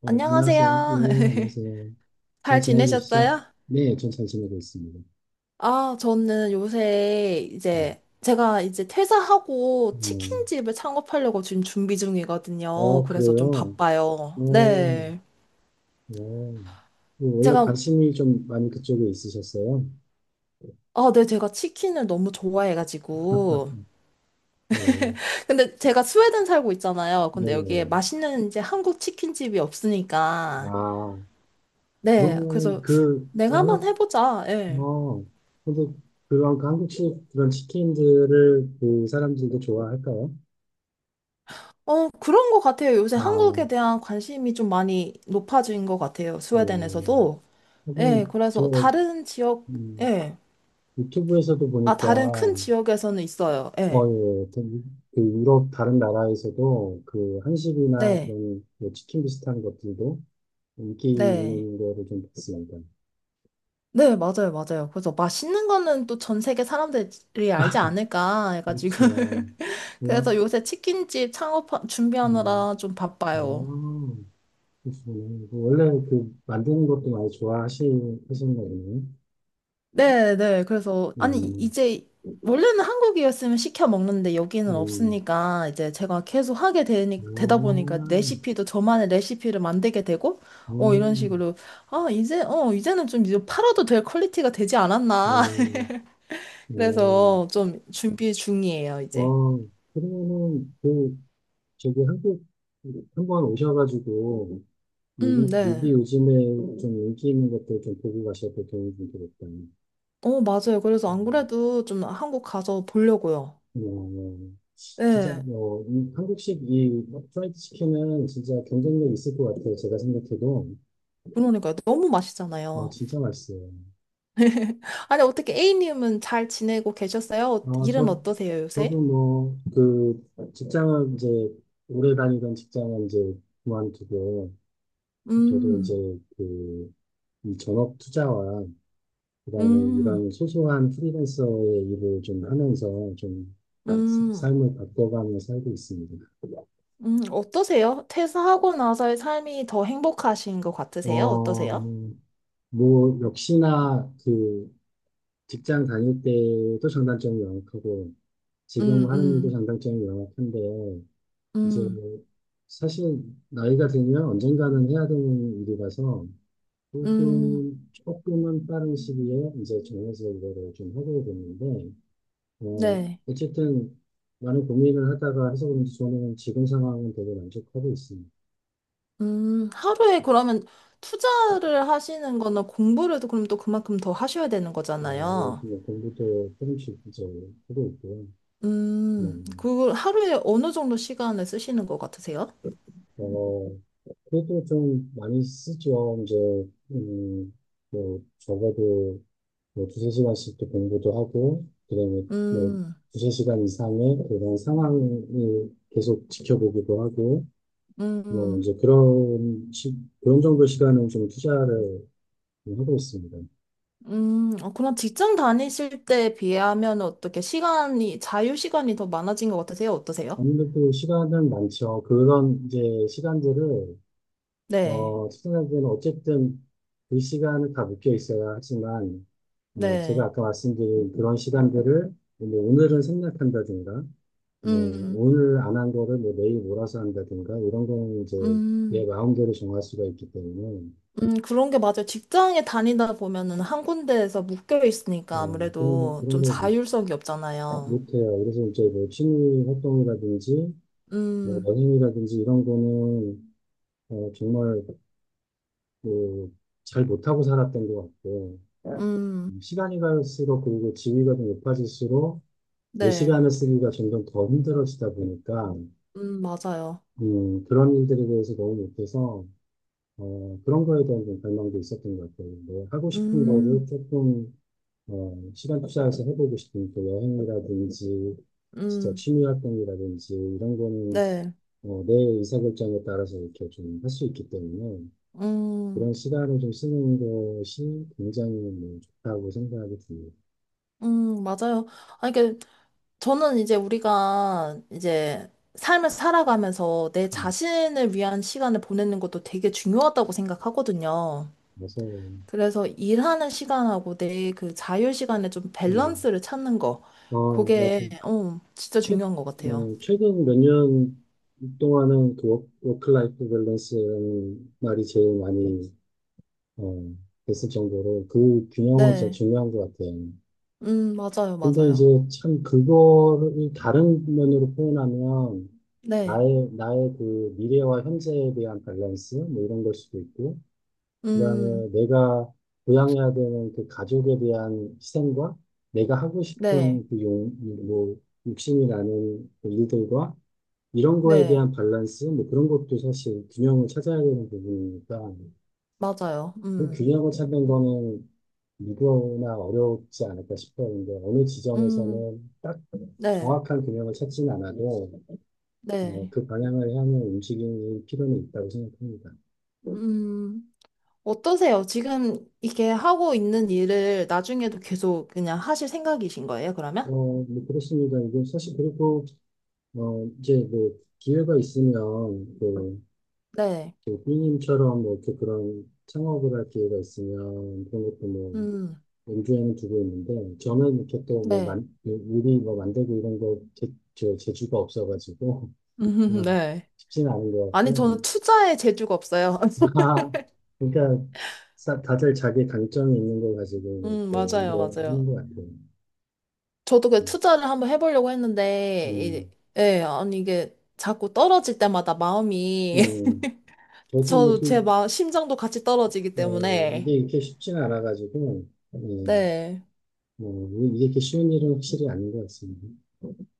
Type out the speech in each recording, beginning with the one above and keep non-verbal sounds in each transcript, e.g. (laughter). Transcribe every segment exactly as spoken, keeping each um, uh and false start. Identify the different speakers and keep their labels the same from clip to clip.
Speaker 1: 어, 안녕하세요. 네,
Speaker 2: 안녕하세요. (laughs)
Speaker 1: 안녕하세요. 잘
Speaker 2: 잘
Speaker 1: 지내고 계시죠?
Speaker 2: 지내셨어요?
Speaker 1: 네, 전 잘 지내고 있습니다.
Speaker 2: 아, 저는 요새 이제 제가 이제 퇴사하고
Speaker 1: 음,
Speaker 2: 치킨집을 창업하려고 지금 준비
Speaker 1: 어,
Speaker 2: 중이거든요.
Speaker 1: 어,
Speaker 2: 그래서 좀
Speaker 1: 그래요?
Speaker 2: 바빠요.
Speaker 1: 어,
Speaker 2: 네.
Speaker 1: 어. 그 원래
Speaker 2: 제가,
Speaker 1: 관심이 좀 많이 그쪽에 있으셨어요?
Speaker 2: 아, 네, 제가 치킨을 너무 좋아해가지고.
Speaker 1: (laughs) 네,
Speaker 2: 근데 제가 스웨덴 살고 있잖아요.
Speaker 1: 네,
Speaker 2: 근데 여기에
Speaker 1: 네.
Speaker 2: 맛있는 이제 한국 치킨집이 없으니까.
Speaker 1: 아,
Speaker 2: 네.
Speaker 1: 그러면은
Speaker 2: 그래서
Speaker 1: 그,
Speaker 2: 내가 한번
Speaker 1: 워낙,
Speaker 2: 해보자. 예.
Speaker 1: 어, 근데 그런 그 한국식 그런 치킨들을 그 사람들도 좋아할까요?
Speaker 2: 어, 그런 것 같아요. 요새
Speaker 1: 아,
Speaker 2: 한국에 대한 관심이 좀 많이 높아진 것 같아요.
Speaker 1: 예.
Speaker 2: 스웨덴에서도. 예,
Speaker 1: 하긴, 저,
Speaker 2: 그래서 다른 지역,
Speaker 1: 음,
Speaker 2: 예.
Speaker 1: 유튜브에서도
Speaker 2: 아,
Speaker 1: 보니까
Speaker 2: 다른 큰 지역에서는 있어요. 예.
Speaker 1: 어, 예. 예. 그 유럽 다른 나라에서도 그 한식이나
Speaker 2: 네,
Speaker 1: 그런 뭐 치킨 비슷한 것들도 인기
Speaker 2: 네.
Speaker 1: 있는 거를 좀 봤습니다.
Speaker 2: 네, 맞아요, 맞아요. 그래서 맛있는 거는 또 전 세계 사람들이 알지 않을까 해가지고.
Speaker 1: 그렇죠.
Speaker 2: (laughs)
Speaker 1: 우와,
Speaker 2: 그래서 요새 치킨집 창업
Speaker 1: 음,
Speaker 2: 준비하느라 좀
Speaker 1: 아,
Speaker 2: 바빠요.
Speaker 1: 그러시군요. 그 원래 그 만드는 것도 많이 좋아하시, 하시는 거군요.
Speaker 2: 네, 네. 그래서 아니
Speaker 1: 음,
Speaker 2: 이제 원래는 한국이었으면 시켜 먹는데 여기는
Speaker 1: 음,
Speaker 2: 없으니까 이제 제가 계속 하게 되니,
Speaker 1: 아,
Speaker 2: 되다 보니까 레시피도 저만의 레시피를 만들게 되고 어 이런
Speaker 1: 음,
Speaker 2: 식으로 아 이제 어 이제는 좀 이제 팔아도 될 퀄리티가 되지 않았나.
Speaker 1: 네,
Speaker 2: (laughs)
Speaker 1: 네.
Speaker 2: 그래서 좀 준비 중이에요 이제.
Speaker 1: 어, 그러면은 그, 저기 한국, 한번 오셔가지고, 여기,
Speaker 2: 음 네.
Speaker 1: 여기 요즘에 좀 인기 있는 것들 좀 보고 가셔야 될 경우가 되겠다.
Speaker 2: 어 맞아요. 그래서 안
Speaker 1: 음.
Speaker 2: 그래도 좀 한국 가서 보려고요.
Speaker 1: 어, 진짜,
Speaker 2: 네.
Speaker 1: 어, 이 한국식 이 프라이드 치킨은 진짜 경쟁력 있을 것 같아요. 제가 생각해도.
Speaker 2: 그러니까 너무
Speaker 1: 어,
Speaker 2: 맛있잖아요.
Speaker 1: 진짜 맛있어요.
Speaker 2: (laughs) 아니, 어떻게 A님은 잘 지내고 계셨어요? 어-
Speaker 1: 아
Speaker 2: 일은
Speaker 1: 저,
Speaker 2: 어떠세요, 요새?
Speaker 1: 저도 뭐, 그, 직장을 이제, 오래 다니던 직장은 이제 그만두고, 저도 이제
Speaker 2: 음,
Speaker 1: 그, 이 전업 투자와 그다음에
Speaker 2: 음,
Speaker 1: 이런 소소한 프리랜서의 일을 좀 하면서 좀 사-
Speaker 2: 음,
Speaker 1: 삶을 바꿔가며 살고 있습니다.
Speaker 2: 음, 어떠세요? 퇴사하고 나서의 삶이 더 행복하신 것 같으세요?
Speaker 1: 어,
Speaker 2: 어떠세요?
Speaker 1: 뭐, 역시나 그 직장 다닐 때도 장단점이 명확하고
Speaker 2: 음,
Speaker 1: 지금 하는 일도
Speaker 2: 음,
Speaker 1: 장단점이 명확한데 이제
Speaker 2: 음,
Speaker 1: 사실 나이가 들면 언젠가는 해야 되는 일이라서
Speaker 2: 음,
Speaker 1: 조금, 조금은 빠른 시기에 이제 정해서 이거를 좀 하게 됐는데 어,
Speaker 2: 네.
Speaker 1: 어쨌든 많은 고민을 하다가 해서 그런지 저는 지금 상황은 되게 만족하고 있습니다.
Speaker 2: 음, 하루에 그러면 투자를 하시는 거나 공부를 또 그럼 또 그만큼 더 하셔야 되는
Speaker 1: 어,
Speaker 2: 거잖아요.
Speaker 1: 여기 뭐 공부도 조금씩 이제 하고 있고요.
Speaker 2: 음,
Speaker 1: 음,
Speaker 2: 그걸 하루에 어느 정도 시간을 쓰시는 것 같으세요?
Speaker 1: 어, 그래도 좀 많이 쓰죠. 이제, 음, 뭐, 적어도 뭐 두세 시간씩도 공부도 하고, 그다음에 뭐
Speaker 2: 음,
Speaker 1: 두세 시간 이상의 그런 상황을 계속 지켜보기도 하고, 뭐
Speaker 2: 음.
Speaker 1: 이제 그런, 시- 그런 정도 시간을 좀 투자를 하고 있습니다.
Speaker 2: 음, 어, 그럼 직장 다니실 때에 비하면 어떻게 시간이, 자유 시간이 더 많아진 것 같으세요? 어떠세요?
Speaker 1: 아무래도 시간은 많죠. 그런 이제 시간들을
Speaker 2: 네,
Speaker 1: 어, 시청자들은 어쨌든 그 시간을 다 묶여 있어야 하지만 어, 제가
Speaker 2: 네.
Speaker 1: 아까 말씀드린 그런 시간들을 뭐 오늘은 생략한다든가 뭐
Speaker 2: 음,
Speaker 1: 오늘 안 한 거를 뭐 내일 몰아서 한다든가 이런 거는 이제 내
Speaker 2: 음,
Speaker 1: 마음대로 정할 수가 있기 때문에
Speaker 2: 음, 그런 게 맞아요. 직장에 다니다 보면은 한 군데에서 묶여
Speaker 1: 어,
Speaker 2: 있으니까
Speaker 1: 그런 거,
Speaker 2: 아무래도
Speaker 1: 그런
Speaker 2: 좀
Speaker 1: 걸 못,
Speaker 2: 자율성이 없잖아요.
Speaker 1: 못해요. 그래서 이제 뭐 취미 활동이라든지 뭐
Speaker 2: 음,
Speaker 1: 여행이라든지 이런 거는 어, 정말 그, 잘 못하고 살았던 것 같고, 응,
Speaker 2: 음,
Speaker 1: 시간이 갈수록 그리고 지위가 좀 높아질수록 내
Speaker 2: 네,
Speaker 1: 시간을 쓰기가 점점 더 힘들어지다 보니까
Speaker 2: 음, 맞아요.
Speaker 1: 음, 그런 일들에 대해서 너무 못해서 어, 그런 거에 대한 좀 갈망도 있었던 것 같아요. 뭐 하고 싶은 응,
Speaker 2: 음,
Speaker 1: 거를 조금 어, 시간 투자해서 해보고 싶은 그 여행이라든지 진짜
Speaker 2: 음,
Speaker 1: 취미 활동이라든지 이런 거는
Speaker 2: 네,
Speaker 1: 어, 내 의사결정에 따라서 이렇게 좀 할 수 있기 때문에
Speaker 2: 음,
Speaker 1: 그런 시간을 좀 쓰는 것이 굉장히 뭐 좋다고 생각이 듭니다.
Speaker 2: 음, 맞아요. 아, 이게 저는 이제 우리가 이제 삶을 살아가면서 내
Speaker 1: 음,
Speaker 2: 자신을 위한 시간을 보내는 것도 되게 중요하다고 생각하거든요.
Speaker 1: 그래서,
Speaker 2: 그래서 일하는 시간하고 내 그 자유 시간에 좀
Speaker 1: 음,
Speaker 2: 밸런스를 찾는 거.
Speaker 1: 어, 맞아.
Speaker 2: 그게, 어, 진짜
Speaker 1: 최,
Speaker 2: 중요한 것 같아요.
Speaker 1: 어, 최근 몇 년 동안은 그 워크, 워크라이프 밸런스라는 말이 제일 많이, 어, 됐을 정도로 그 균형은 진짜
Speaker 2: 네.
Speaker 1: 중요한 것 같아요.
Speaker 2: 음, 맞아요,
Speaker 1: 근데 이제
Speaker 2: 맞아요.
Speaker 1: 참 그거를 다른 면으로 표현하면
Speaker 2: 네.
Speaker 1: 나의, 나의 그 미래와 현재에 대한 밸런스, 뭐 이런 걸 수도 있고, 그다음에
Speaker 2: 음,
Speaker 1: 내가 부양해야 되는 그 가족에 대한 희생과 내가 하고
Speaker 2: 네.
Speaker 1: 싶은 그 용, 뭐, 욕심이 나는 그 일들과 이런 거에
Speaker 2: 네.
Speaker 1: 대한 밸런스, 뭐 그런 것도 사실 균형을 찾아야 되는 부분이니까
Speaker 2: 맞아요.
Speaker 1: 그
Speaker 2: 음,
Speaker 1: 균형을 찾는 거는 누구나 어렵지 않을까 싶어요. 근데 어느
Speaker 2: 음,
Speaker 1: 지점에서는 딱
Speaker 2: 네.
Speaker 1: 정확한 균형을 찾진 않아도
Speaker 2: 네.
Speaker 1: 어, 그 방향을 향해 움직이는 필요는 있다고 생각합니다.
Speaker 2: 음. 어떠세요? 지금 이게 하고 있는 일을 나중에도 계속 그냥 하실 생각이신 거예요,
Speaker 1: 어,
Speaker 2: 그러면?
Speaker 1: 뭐 그렇습니다. 이게 사실 그리고 어, 이제 뭐 기회가 있으면 뭐,
Speaker 2: 네,
Speaker 1: 그 B님처럼 뭐 이렇게 그런 창업을 할 기회가 있으면 그런 것도 뭐
Speaker 2: 음,
Speaker 1: 염두에는 두고 있는데 저는 이렇게 또뭐
Speaker 2: 네.
Speaker 1: 만, 요리 뭐 만들고 이런 거 재, 저 재주가 없어가지고 (laughs)
Speaker 2: 음,
Speaker 1: 아,
Speaker 2: 네.
Speaker 1: 쉽지는 않은 것
Speaker 2: 아니, 저는
Speaker 1: 같고
Speaker 2: 투자에 재주가 없어요. (laughs)
Speaker 1: (laughs) 그러니까 사- 다들 자기 강점이 있는 걸 가지고 뭐
Speaker 2: 음,
Speaker 1: 이렇게
Speaker 2: 맞아요,
Speaker 1: 일을 하는
Speaker 2: 맞아요.
Speaker 1: 것 같아요.
Speaker 2: 저도 그
Speaker 1: 음,
Speaker 2: 투자를 한번 해보려고 했는데,
Speaker 1: 음,
Speaker 2: 이- 예, 아니, 이게 자꾸 떨어질 때마다 마음이, (laughs)
Speaker 1: 음. 저도 뭐
Speaker 2: 저도
Speaker 1: 이렇게
Speaker 2: 제 마, 심장도 같이 떨어지기
Speaker 1: 어, 이게
Speaker 2: 때문에,
Speaker 1: 이렇게 쉽지는 않아가지고 예.
Speaker 2: 네,
Speaker 1: 뭐, 이게 이렇게 쉬운 일은 확실히 아닌 것 같습니다.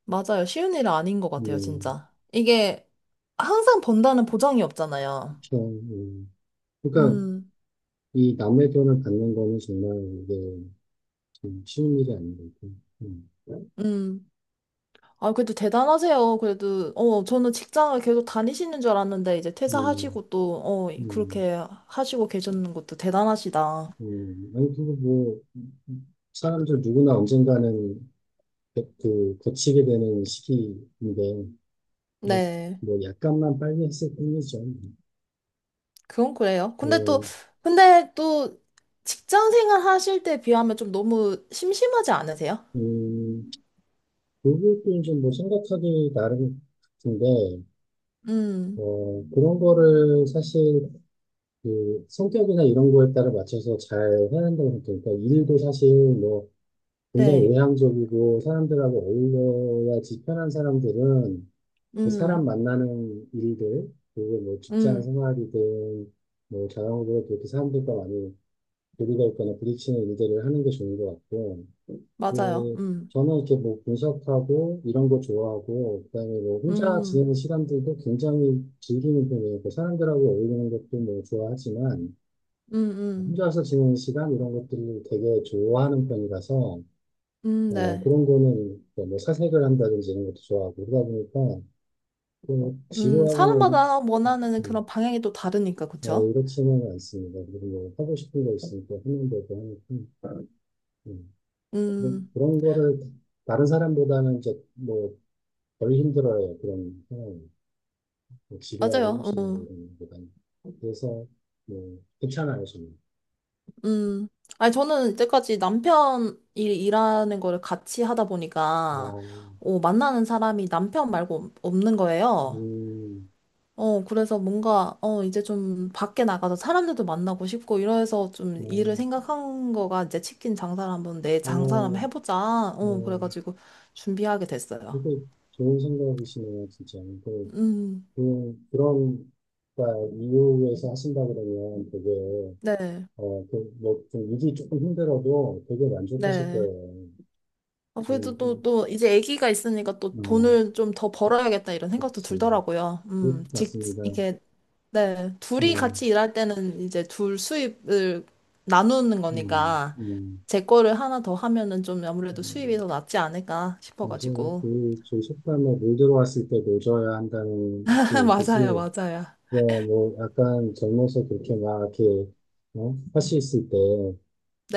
Speaker 2: 맞아요. 쉬운 일은 아닌 것
Speaker 1: 뭐,
Speaker 2: 같아요, 진짜. 이게 항상 번다는 보장이 없잖아요.
Speaker 1: 그렇죠. 음. 그러니까
Speaker 2: 음.
Speaker 1: 이 남의 돈을 받는 거는 정말 이게 좀 쉬운 일이 아닌 것 같아요. 음.
Speaker 2: 음. 아, 그래도 대단하세요. 그래도, 어, 저는 직장을 계속 다니시는 줄 알았는데, 이제
Speaker 1: 음,
Speaker 2: 퇴사하시고 또, 어,
Speaker 1: 음,
Speaker 2: 그렇게 하시고 계셨는 것도 대단하시다.
Speaker 1: 음. 아니, 그거 뭐, 사람들 누구나 언젠가는 그, 그 거치게 되는 시기인데, 뭐,
Speaker 2: 네.
Speaker 1: 뭐 약간만 빨리 했을 뿐이죠.
Speaker 2: 그건 그래요. 근데 또,
Speaker 1: 어,
Speaker 2: 근데 또, 직장 생활 하실 때 비하면 좀 너무 심심하지 않으세요?
Speaker 1: 음, 그것도 이제 뭐 생각하기 나름 같은데,
Speaker 2: 음,
Speaker 1: 어, 그런 거를 사실 그 성격이나 이런 거에 따라 맞춰서 잘 해야 한다고 생각해요. 그러니까 일도 사실 뭐 굉장히
Speaker 2: 네.
Speaker 1: 외향적이고 사람들하고 어울려야지 편한 사람들은 그 사람
Speaker 2: 음,
Speaker 1: 만나는 일들, 그리고 뭐 직장
Speaker 2: 음,
Speaker 1: 생활이든 뭐 자영업으로 그렇게 사람들과 많이 교류가 있거나 부딪히는 일들을 하는 게 좋은 것 같고,
Speaker 2: 맞아요.
Speaker 1: 그
Speaker 2: 음,
Speaker 1: 저는 이렇게 뭐 분석하고 이런 거 좋아하고, 그다음에 뭐 혼자
Speaker 2: 음,
Speaker 1: 지내는 시간들도 굉장히 즐기는 편이에요. 그 사람들하고 어울리는 것도 뭐 좋아하지만,
Speaker 2: 음, 음,
Speaker 1: 혼자서 지내는 시간 이런 것들을 되게 좋아하는 편이라서
Speaker 2: 음,
Speaker 1: 어,
Speaker 2: 네.
Speaker 1: 그런 거는 뭐 뭐 사색을 한다든지 이런 것도 좋아하고 그러다 보니까 좀
Speaker 2: 음,
Speaker 1: 지루하거나
Speaker 2: 사람마다 원하는
Speaker 1: 이- 음,
Speaker 2: 그런 방향이 또 다르니까,
Speaker 1: 어,
Speaker 2: 그쵸?
Speaker 1: 이렇지는 않습니다. 그리고 뭐 하고 싶은 거 있으니까 하는 거고 하니까 음, 그런,
Speaker 2: 음,
Speaker 1: 그런 거를 다른 사람보다는 이제 뭐 덜 힘들어요. 그런 상황이 뭐
Speaker 2: 맞아요.
Speaker 1: 지루하고
Speaker 2: 어.
Speaker 1: 힘쓰는 거 이런 것보다는 그래서 뭐 괜찮아요 저는.
Speaker 2: 음, 아니, 저는 이때까지 남편이 일하는 거를 같이 하다
Speaker 1: 아,
Speaker 2: 보니까, 어, 만나는 사람이 남편 말고 없는 거예요.
Speaker 1: 음,
Speaker 2: 어, 그래서 뭔가, 어, 이제 좀 밖에 나가서 사람들도 만나고 싶고, 이래서 좀
Speaker 1: 어,
Speaker 2: 일을 생각한 거가 이제 치킨 장사를 한번 내 장사를 한번
Speaker 1: 어,
Speaker 2: 해보자. 어,
Speaker 1: 어,
Speaker 2: 그래가지고 준비하게 됐어요.
Speaker 1: 되게 좋은 생각이시네요, 진짜. 그,
Speaker 2: 음,
Speaker 1: 그, 그런, 그러니까 이유에서 하신다 그러면 되게,
Speaker 2: 네,
Speaker 1: 어, 그, 뭐, 좀 일이 조금 힘들어도 되게 만족하실
Speaker 2: 네.
Speaker 1: 거예요.
Speaker 2: 아, 그래도
Speaker 1: 저는,
Speaker 2: 또, 또, 이제 아기가 있으니까
Speaker 1: 음,
Speaker 2: 또
Speaker 1: 어,
Speaker 2: 돈을 좀 더 벌어야겠다 이런 생각도
Speaker 1: 그렇지.
Speaker 2: 들더라고요.
Speaker 1: 그,
Speaker 2: 음, 직,
Speaker 1: 맞습니다.
Speaker 2: 이게 네, 둘이
Speaker 1: 어,
Speaker 2: 같이 일할 때는 이제 둘 수입을 나누는
Speaker 1: 음,
Speaker 2: 거니까
Speaker 1: 음,
Speaker 2: 제 거를 하나 더 하면은 좀 아무래도 수입이
Speaker 1: 음.
Speaker 2: 더 낫지 않을까
Speaker 1: 그래서
Speaker 2: 싶어가지고.
Speaker 1: 그, 저희 식당에 물 들어왔을 때 노져야 한다는
Speaker 2: (laughs)
Speaker 1: 그 뜻이,
Speaker 2: 맞아요, 맞아요.
Speaker 1: 뭐, 뭐, 약간 젊어서 그렇게 막 이렇게, 어? 하실 때,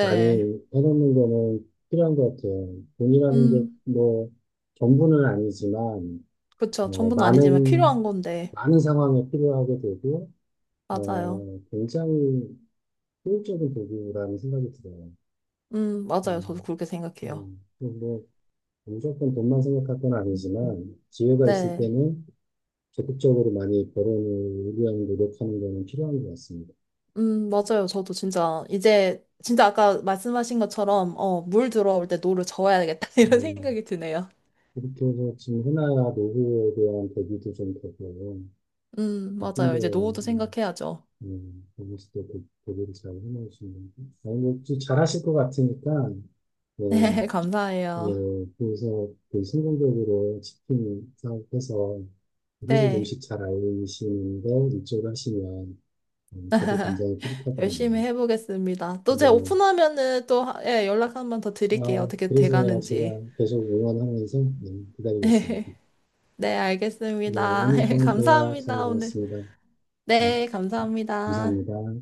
Speaker 1: 많이 해놓는 거는 필요한 것 같아요. 돈이라는 게
Speaker 2: 음,
Speaker 1: 뭐 전부는 아니지만
Speaker 2: 그쵸.
Speaker 1: 어,
Speaker 2: 전부는 아니지만 필요한
Speaker 1: 많은
Speaker 2: 건데.
Speaker 1: 많은 상황에 필요하게 되고
Speaker 2: 맞아요.
Speaker 1: 어, 굉장히 효율적인 도구라는 생각이 들어요.
Speaker 2: 음, 맞아요. 저도
Speaker 1: 음,
Speaker 2: 그렇게 생각해요.
Speaker 1: 음, 뭐 무조건 돈만 생각할 건 아니지만 기회가 있을
Speaker 2: 네,
Speaker 1: 때는 적극적으로 많이 벌어오기 위한 노력하는 거는 필요한 것 같습니다.
Speaker 2: 음, 맞아요. 저도 진짜 이제 진짜 아까 말씀하신 것처럼 어, 물 들어올 때 노를 저어야겠다 (laughs) 이런
Speaker 1: 음,
Speaker 2: 생각이 드네요.
Speaker 1: 이렇게 해서 지금 흔한 노후에 대한 대비도 좀 되고요.
Speaker 2: 음, 맞아요.
Speaker 1: 좀더
Speaker 2: 이제 노후도 생각해야죠.
Speaker 1: 음, 거기서 또 대- 대를잘 해놓으시는데. 아니, 뭐, 좀 잘하실 것 같으니까,
Speaker 2: (laughs)
Speaker 1: 뭐,
Speaker 2: 네,
Speaker 1: 예,
Speaker 2: 감사해요.
Speaker 1: 예, 그래서 그 성공적으로 치킨 사업해서 한국
Speaker 2: 네.
Speaker 1: 음식 잘 알리시는데 이쪽을 하시면 음, 저도 굉장히 뿌듯할 것
Speaker 2: 열심히
Speaker 1: 같네요.
Speaker 2: 해보겠습니다. 또
Speaker 1: 근데
Speaker 2: 제가
Speaker 1: 뭐,
Speaker 2: 오픈하면은 또 하- 예, 연락 한번 더 드릴게요.
Speaker 1: 아,
Speaker 2: 어떻게
Speaker 1: 그래서야
Speaker 2: 돼가는지.
Speaker 1: 제가 계속 응원하면서 예, 기다리겠습니다.
Speaker 2: 네,
Speaker 1: 네,
Speaker 2: 알겠습니다.
Speaker 1: 오늘
Speaker 2: (laughs)
Speaker 1: 좋은 대화 잘
Speaker 2: 감사합니다, 오늘.
Speaker 1: 나눴습니다. 예,
Speaker 2: 네, 감사합니다.
Speaker 1: 감사합니다.